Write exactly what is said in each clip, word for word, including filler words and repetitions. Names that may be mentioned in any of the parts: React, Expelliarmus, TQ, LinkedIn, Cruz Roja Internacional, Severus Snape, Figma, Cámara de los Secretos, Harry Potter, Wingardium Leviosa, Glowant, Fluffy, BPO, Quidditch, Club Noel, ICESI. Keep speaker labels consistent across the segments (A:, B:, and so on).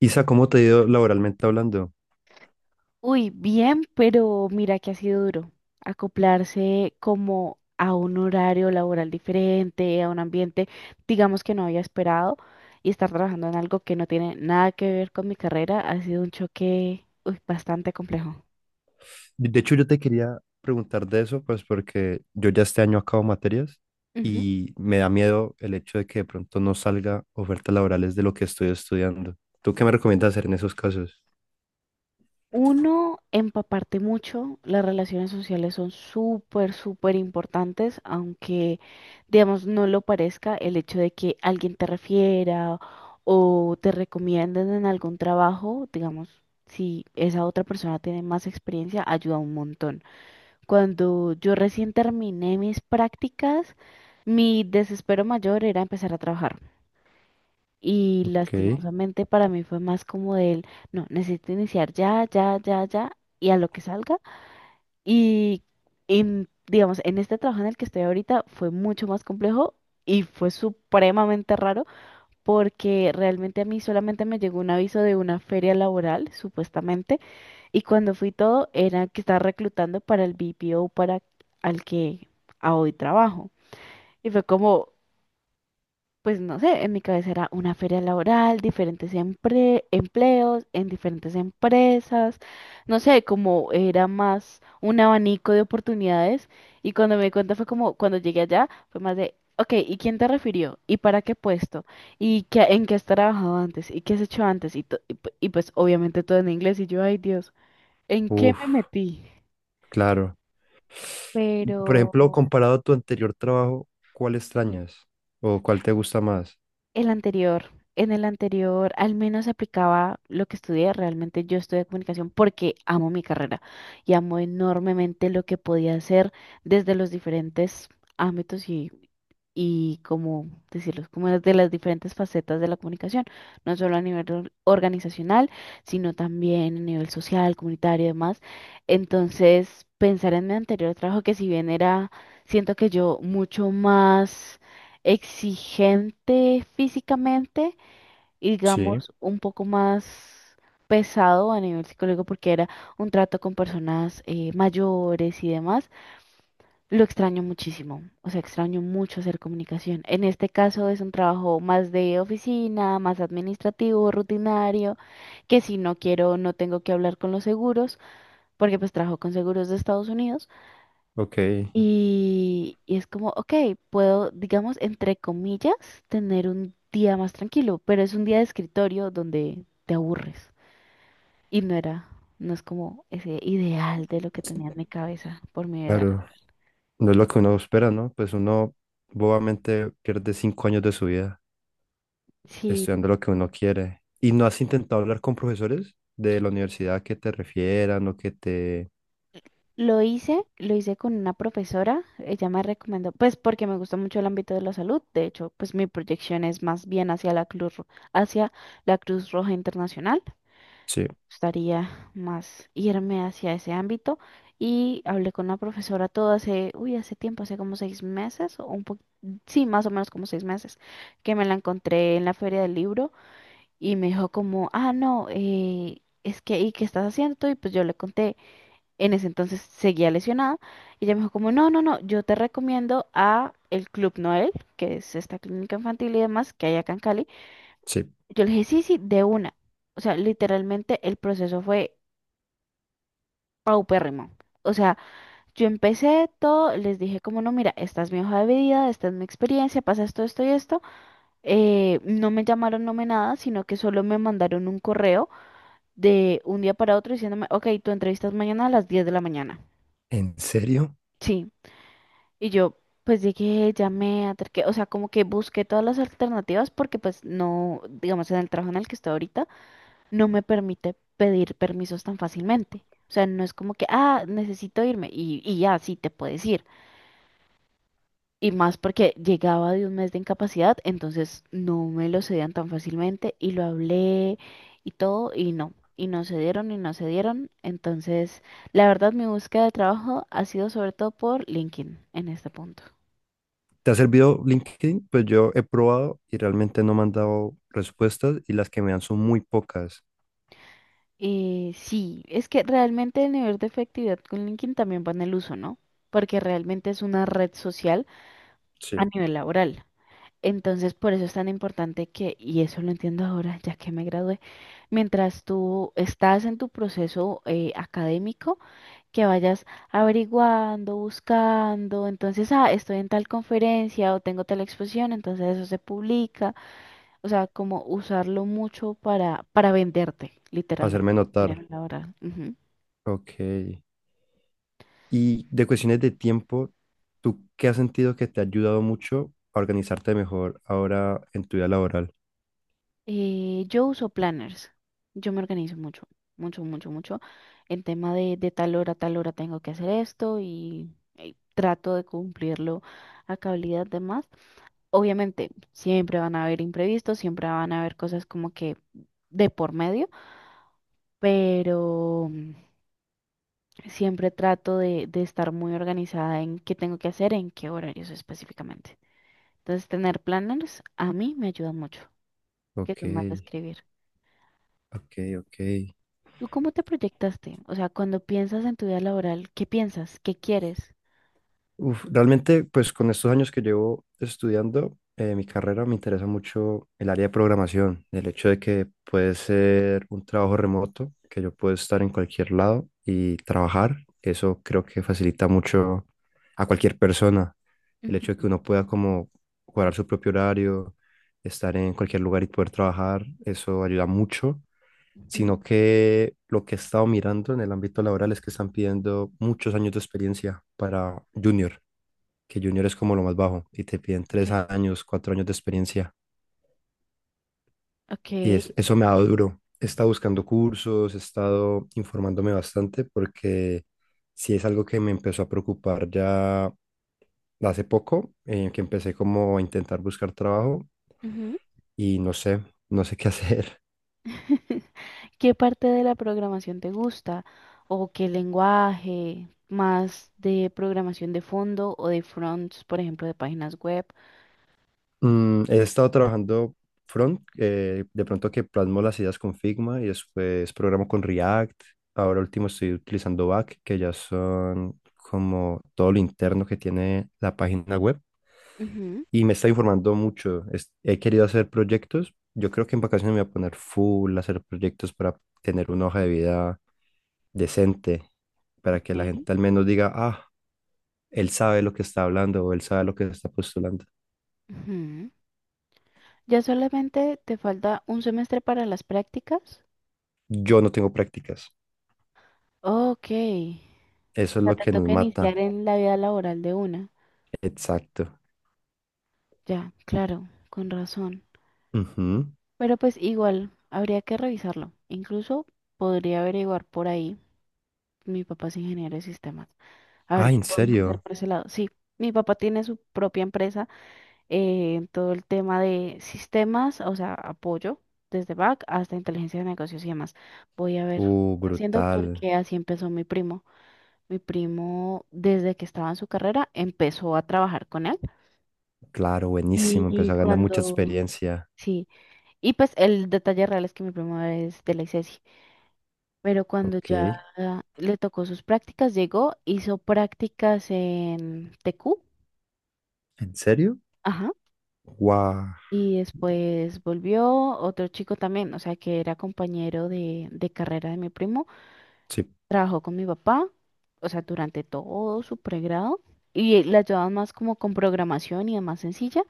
A: Isa, ¿cómo te ha ido laboralmente hablando?
B: Uy, bien, pero mira que ha sido duro acoplarse como a un horario laboral diferente, a un ambiente, digamos que no había esperado, y estar trabajando en algo que no tiene nada que ver con mi carrera ha sido un choque, uy, bastante complejo.
A: De de hecho, yo te quería preguntar de eso, pues porque yo ya este año acabo materias y me da miedo el hecho de que de pronto no salga ofertas laborales de lo que estoy estudiando. ¿Tú qué me recomiendas hacer en esos casos?
B: Uno, empaparte mucho. Las relaciones sociales son súper, súper importantes, aunque, digamos, no lo parezca el hecho de que alguien te refiera o te recomienden en algún trabajo, digamos, si esa otra persona tiene más experiencia, ayuda un montón. Cuando yo recién terminé mis prácticas, mi desespero mayor era empezar a trabajar. Y
A: Ok,
B: lastimosamente para mí fue más como del, no, necesito iniciar ya, ya, ya, ya, y a lo que salga. Y en- digamos, en este trabajo en el que estoy ahorita fue mucho más complejo y fue supremamente raro porque realmente a mí solamente me llegó un aviso de una feria laboral, supuestamente, y cuando fui todo era que estaba reclutando para el B P O para al que a hoy trabajo. Y fue como pues no sé, en mi cabeza era una feria laboral, diferentes empre- empleos en diferentes empresas, no sé, como era más un abanico de oportunidades. Y cuando me di cuenta fue como, cuando llegué allá, fue más de, ok, ¿y quién te refirió? ¿Y para qué puesto? ¿Y qué, en qué has trabajado antes? ¿Y qué has hecho antes? Y, to- y pu- y pues obviamente todo en inglés y yo, ay Dios, ¿en qué
A: uf,
B: me metí?
A: claro. Por
B: Pero.
A: ejemplo, comparado a tu anterior trabajo, ¿cuál extrañas o cuál te gusta más?
B: El anterior, en el anterior al menos aplicaba lo que estudié. Realmente yo estudié comunicación porque amo mi carrera y amo enormemente lo que podía hacer desde los diferentes ámbitos y y como decirlo, como de las diferentes facetas de la comunicación, no solo a nivel or- organizacional, sino también a nivel social, comunitario y demás. Entonces, pensar en mi anterior trabajo, que si bien era, siento que yo mucho más exigente físicamente y
A: Sí,
B: digamos un poco más pesado a nivel psicológico porque era un trato con personas eh, mayores y demás. Lo extraño muchísimo, o sea, extraño mucho hacer comunicación. En este caso es un trabajo más de oficina, más administrativo, rutinario, que si no quiero, no tengo que hablar con los seguros, porque pues trabajo con seguros de Estados Unidos
A: ok,
B: y, y es como, ok, puedo, digamos, entre comillas, tener un día más tranquilo, pero es un día de escritorio donde te aburres y no era, no es como ese ideal de lo que tenía en mi cabeza por mi edad
A: claro.
B: laboral.
A: No es lo que uno espera, ¿no? Pues uno bobamente pierde cinco años de su vida
B: Sí.
A: estudiando lo que uno quiere. ¿Y no has intentado hablar con profesores de la universidad que te refieran o que te...
B: Lo hice, lo hice con una profesora, ella me recomendó, pues porque me gusta mucho el ámbito de la salud. De hecho, pues mi proyección es más bien hacia la Cruz, Ro- hacia la Cruz Roja Internacional,
A: Sí,
B: gustaría más irme hacia ese ámbito. Y hablé con la profesora todo hace, uy, hace tiempo, hace como seis meses, o un po- sí, más o menos como seis meses, que me la encontré en la feria del libro. Y me dijo como, ah, no, eh, es que, ¿y qué estás haciendo tú? Y pues yo le conté, en ese entonces seguía lesionada. Y ella me dijo como, no, no, no, yo te recomiendo a el Club Noel, que es esta clínica infantil y demás que hay acá en Cali.
A: sí.
B: Yo le dije, sí, sí, de una. O sea, literalmente el proceso fue paupérrimo. O sea, yo empecé todo, les dije como, no, mira, esta es mi hoja de vida, esta es mi experiencia, pasa esto, esto y esto. Eh, no me llamaron, no me nada, sino que solo me mandaron un correo de un día para otro diciéndome, ok, tu entrevista es mañana a las diez de la mañana.
A: ¿En serio?
B: Sí. Y yo, pues llegué, llamé, acerqué, o sea, como que busqué todas las alternativas porque pues no, digamos, en el trabajo en el que estoy ahorita, no me permite pedir permisos tan fácilmente. O sea, no es como que, ah, necesito irme y, y ya, sí, te puedes ir. Y más porque llegaba de un mes de incapacidad, entonces no me lo cedían tan fácilmente y lo hablé y todo y no. Y no se dieron y no se dieron. Entonces, la verdad, mi búsqueda de trabajo ha sido sobre todo por LinkedIn en este punto.
A: ¿Te ha servido LinkedIn? Pues yo he probado y realmente no me han dado respuestas y las que me dan son muy pocas.
B: Eh, sí, es que realmente el nivel de efectividad con LinkedIn también va en el uso, ¿no? Porque realmente es una red social
A: Sí.
B: a nivel laboral. Entonces, por eso es tan importante que, y eso lo entiendo ahora, ya que me gradué, mientras tú estás en tu proceso eh, académico, que vayas averiguando, buscando, entonces, ah, estoy en tal conferencia o tengo tal exposición, entonces eso se publica, o sea, como usarlo mucho para, para, venderte, literalmente,
A: Hacerme
B: a nivel
A: notar.
B: laboral. Ujú.
A: Ok. Y de cuestiones de tiempo, ¿tú qué has sentido que te ha ayudado mucho a organizarte mejor ahora en tu vida laboral?
B: Eh, yo uso planners. Yo me organizo mucho, mucho, mucho, mucho. En tema de, de tal hora, tal hora tengo que hacer esto y, eh, trato de cumplirlo a cabalidad de más. Obviamente, siempre van a haber imprevistos, siempre van a haber cosas como que de por medio, pero mm, siempre trato de, de estar muy organizada en qué tengo que hacer, en qué horarios específicamente. Entonces, tener planners a mí me ayuda mucho, que
A: Ok,
B: soy más de escribir.
A: ok, ok.
B: ¿Tú cómo te proyectaste? O sea, cuando piensas en tu vida laboral, ¿qué piensas? ¿Qué quieres?
A: Uf, realmente, pues con estos años que llevo estudiando eh, mi carrera, me interesa mucho el área de programación, el hecho de que puede ser un trabajo remoto, que yo puedo estar en cualquier lado y trabajar. Eso creo que facilita mucho a cualquier persona, el hecho de
B: Ujú.
A: que uno pueda como cuadrar su propio horario, estar en cualquier lugar y poder trabajar, eso ayuda mucho,
B: Ujú.
A: sino que lo que he estado mirando en el ámbito laboral es que están pidiendo muchos años de experiencia para junior, que junior es como lo más bajo, y te piden tres
B: Ok.
A: años, cuatro años de experiencia.
B: Ok.
A: Y es, eso me ha dado duro. He estado buscando cursos, he estado informándome bastante porque sí es algo que me empezó a preocupar ya hace poco, eh, que empecé como a intentar buscar trabajo
B: Ujú.
A: y no sé, no sé qué hacer.
B: ¿Qué parte de la programación te gusta? ¿O qué lenguaje? ¿Más de programación de fondo o de fronts, por ejemplo, de páginas web?
A: Mm, he estado trabajando front, eh, de pronto que plasmo las ideas con Figma y después programo con React. Ahora último estoy utilizando back, que ya son como todo lo interno que tiene la página web.
B: Ujú.
A: Y me está informando mucho. Es- he querido hacer proyectos. Yo creo que en vacaciones me voy a poner full a hacer proyectos para tener una hoja de vida decente, para que la
B: Ok.
A: gente al menos diga, ah, él sabe lo que está hablando o él sabe lo que está postulando.
B: Ujú. ¿Ya solamente te falta un semestre para las prácticas?
A: Yo no tengo prácticas.
B: Ok. O
A: Eso es
B: sea,
A: lo
B: te
A: que nos
B: toca iniciar
A: mata.
B: en la vida laboral de una.
A: Exacto.
B: Ya, claro, con razón.
A: Ujú.
B: Pero pues igual, habría que revisarlo. Incluso podría averiguar por ahí. Mi papá es ingeniero de sistemas. A ver
A: Ah,
B: qué
A: ¿en
B: podemos hacer
A: serio?
B: por ese lado. Sí, mi papá tiene su propia empresa eh, en todo el tema de sistemas, o sea, apoyo desde back hasta inteligencia de negocios y demás. Voy a ver qué
A: Uh,
B: está haciendo
A: brutal.
B: porque así empezó mi primo. Mi primo, desde que estaba en su carrera, empezó a trabajar con él.
A: Claro,
B: Y,
A: buenísimo.
B: y
A: Empezó a ganar mucha
B: cuando,
A: experiencia.
B: sí, y pues el detalle real es que mi primo es de la ICESI. Pero cuando
A: Ok.
B: ya le tocó sus prácticas, llegó, hizo prácticas en T Q,
A: ¿En serio?
B: ajá,
A: Guau.
B: y después volvió otro chico también, o sea, que era compañero de, de carrera de mi primo,
A: Sí,
B: trabajó con mi papá, o sea, durante todo su pregrado, y le ayudaban más como con programación y demás sencilla,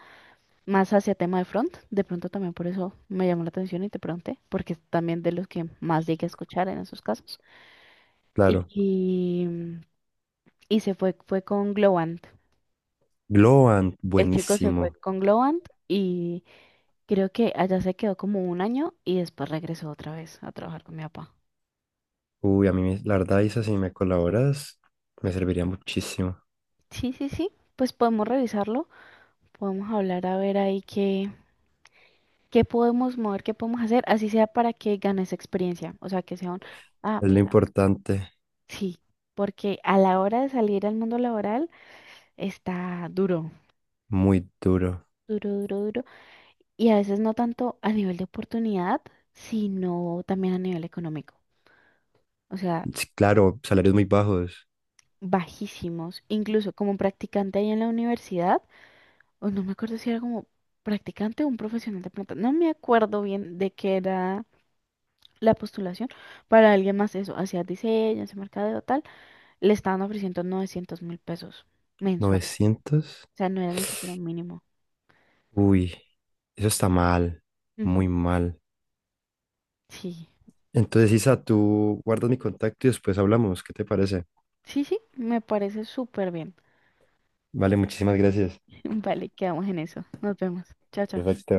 B: más hacia tema de front, de pronto también por eso me llamó la atención y te pregunté, porque es también de los que más llegué a escuchar en esos casos.
A: claro.
B: Y, y se fue, fue con Glowant.
A: Glowant,
B: El chico se fue
A: buenísimo.
B: con Glowant y creo que allá se quedó como un año y después regresó otra vez a trabajar con mi papá.
A: Uy, a mí, me- la verdad, Isa, si me colaboras, me serviría muchísimo.
B: Sí, sí, sí, pues podemos revisarlo, podemos hablar a ver ahí qué, qué podemos mover, qué podemos hacer, así sea para que ganes experiencia, o sea, que sea un, ah,
A: Es lo
B: mira,
A: importante.
B: sí, porque a la hora de salir al mundo laboral está duro,
A: Muy duro.
B: duro, duro, duro, y a veces no tanto a nivel de oportunidad, sino también a nivel económico. O sea,
A: Sí, claro, salarios muy bajos.
B: bajísimos, incluso como practicante ahí en la universidad, o no me acuerdo si era como practicante o un profesional de planta, no me acuerdo bien de qué era la postulación para alguien más eso, hacía diseño, hacía mercadeo, tal, le estaban ofreciendo novecientos mil pesos mensuales,
A: Novecientos.
B: o sea, no era ni siquiera un mínimo.
A: Uy, eso está mal. Muy
B: Ujú.
A: mal.
B: Sí,
A: Entonces, Isa, tú guardas mi contacto y después hablamos. ¿Qué te parece?
B: sí, sí, me parece súper bien.
A: Vale, muchísimas gracias.
B: Vale, quedamos en eso, nos vemos, chao, chao.
A: Perfecto.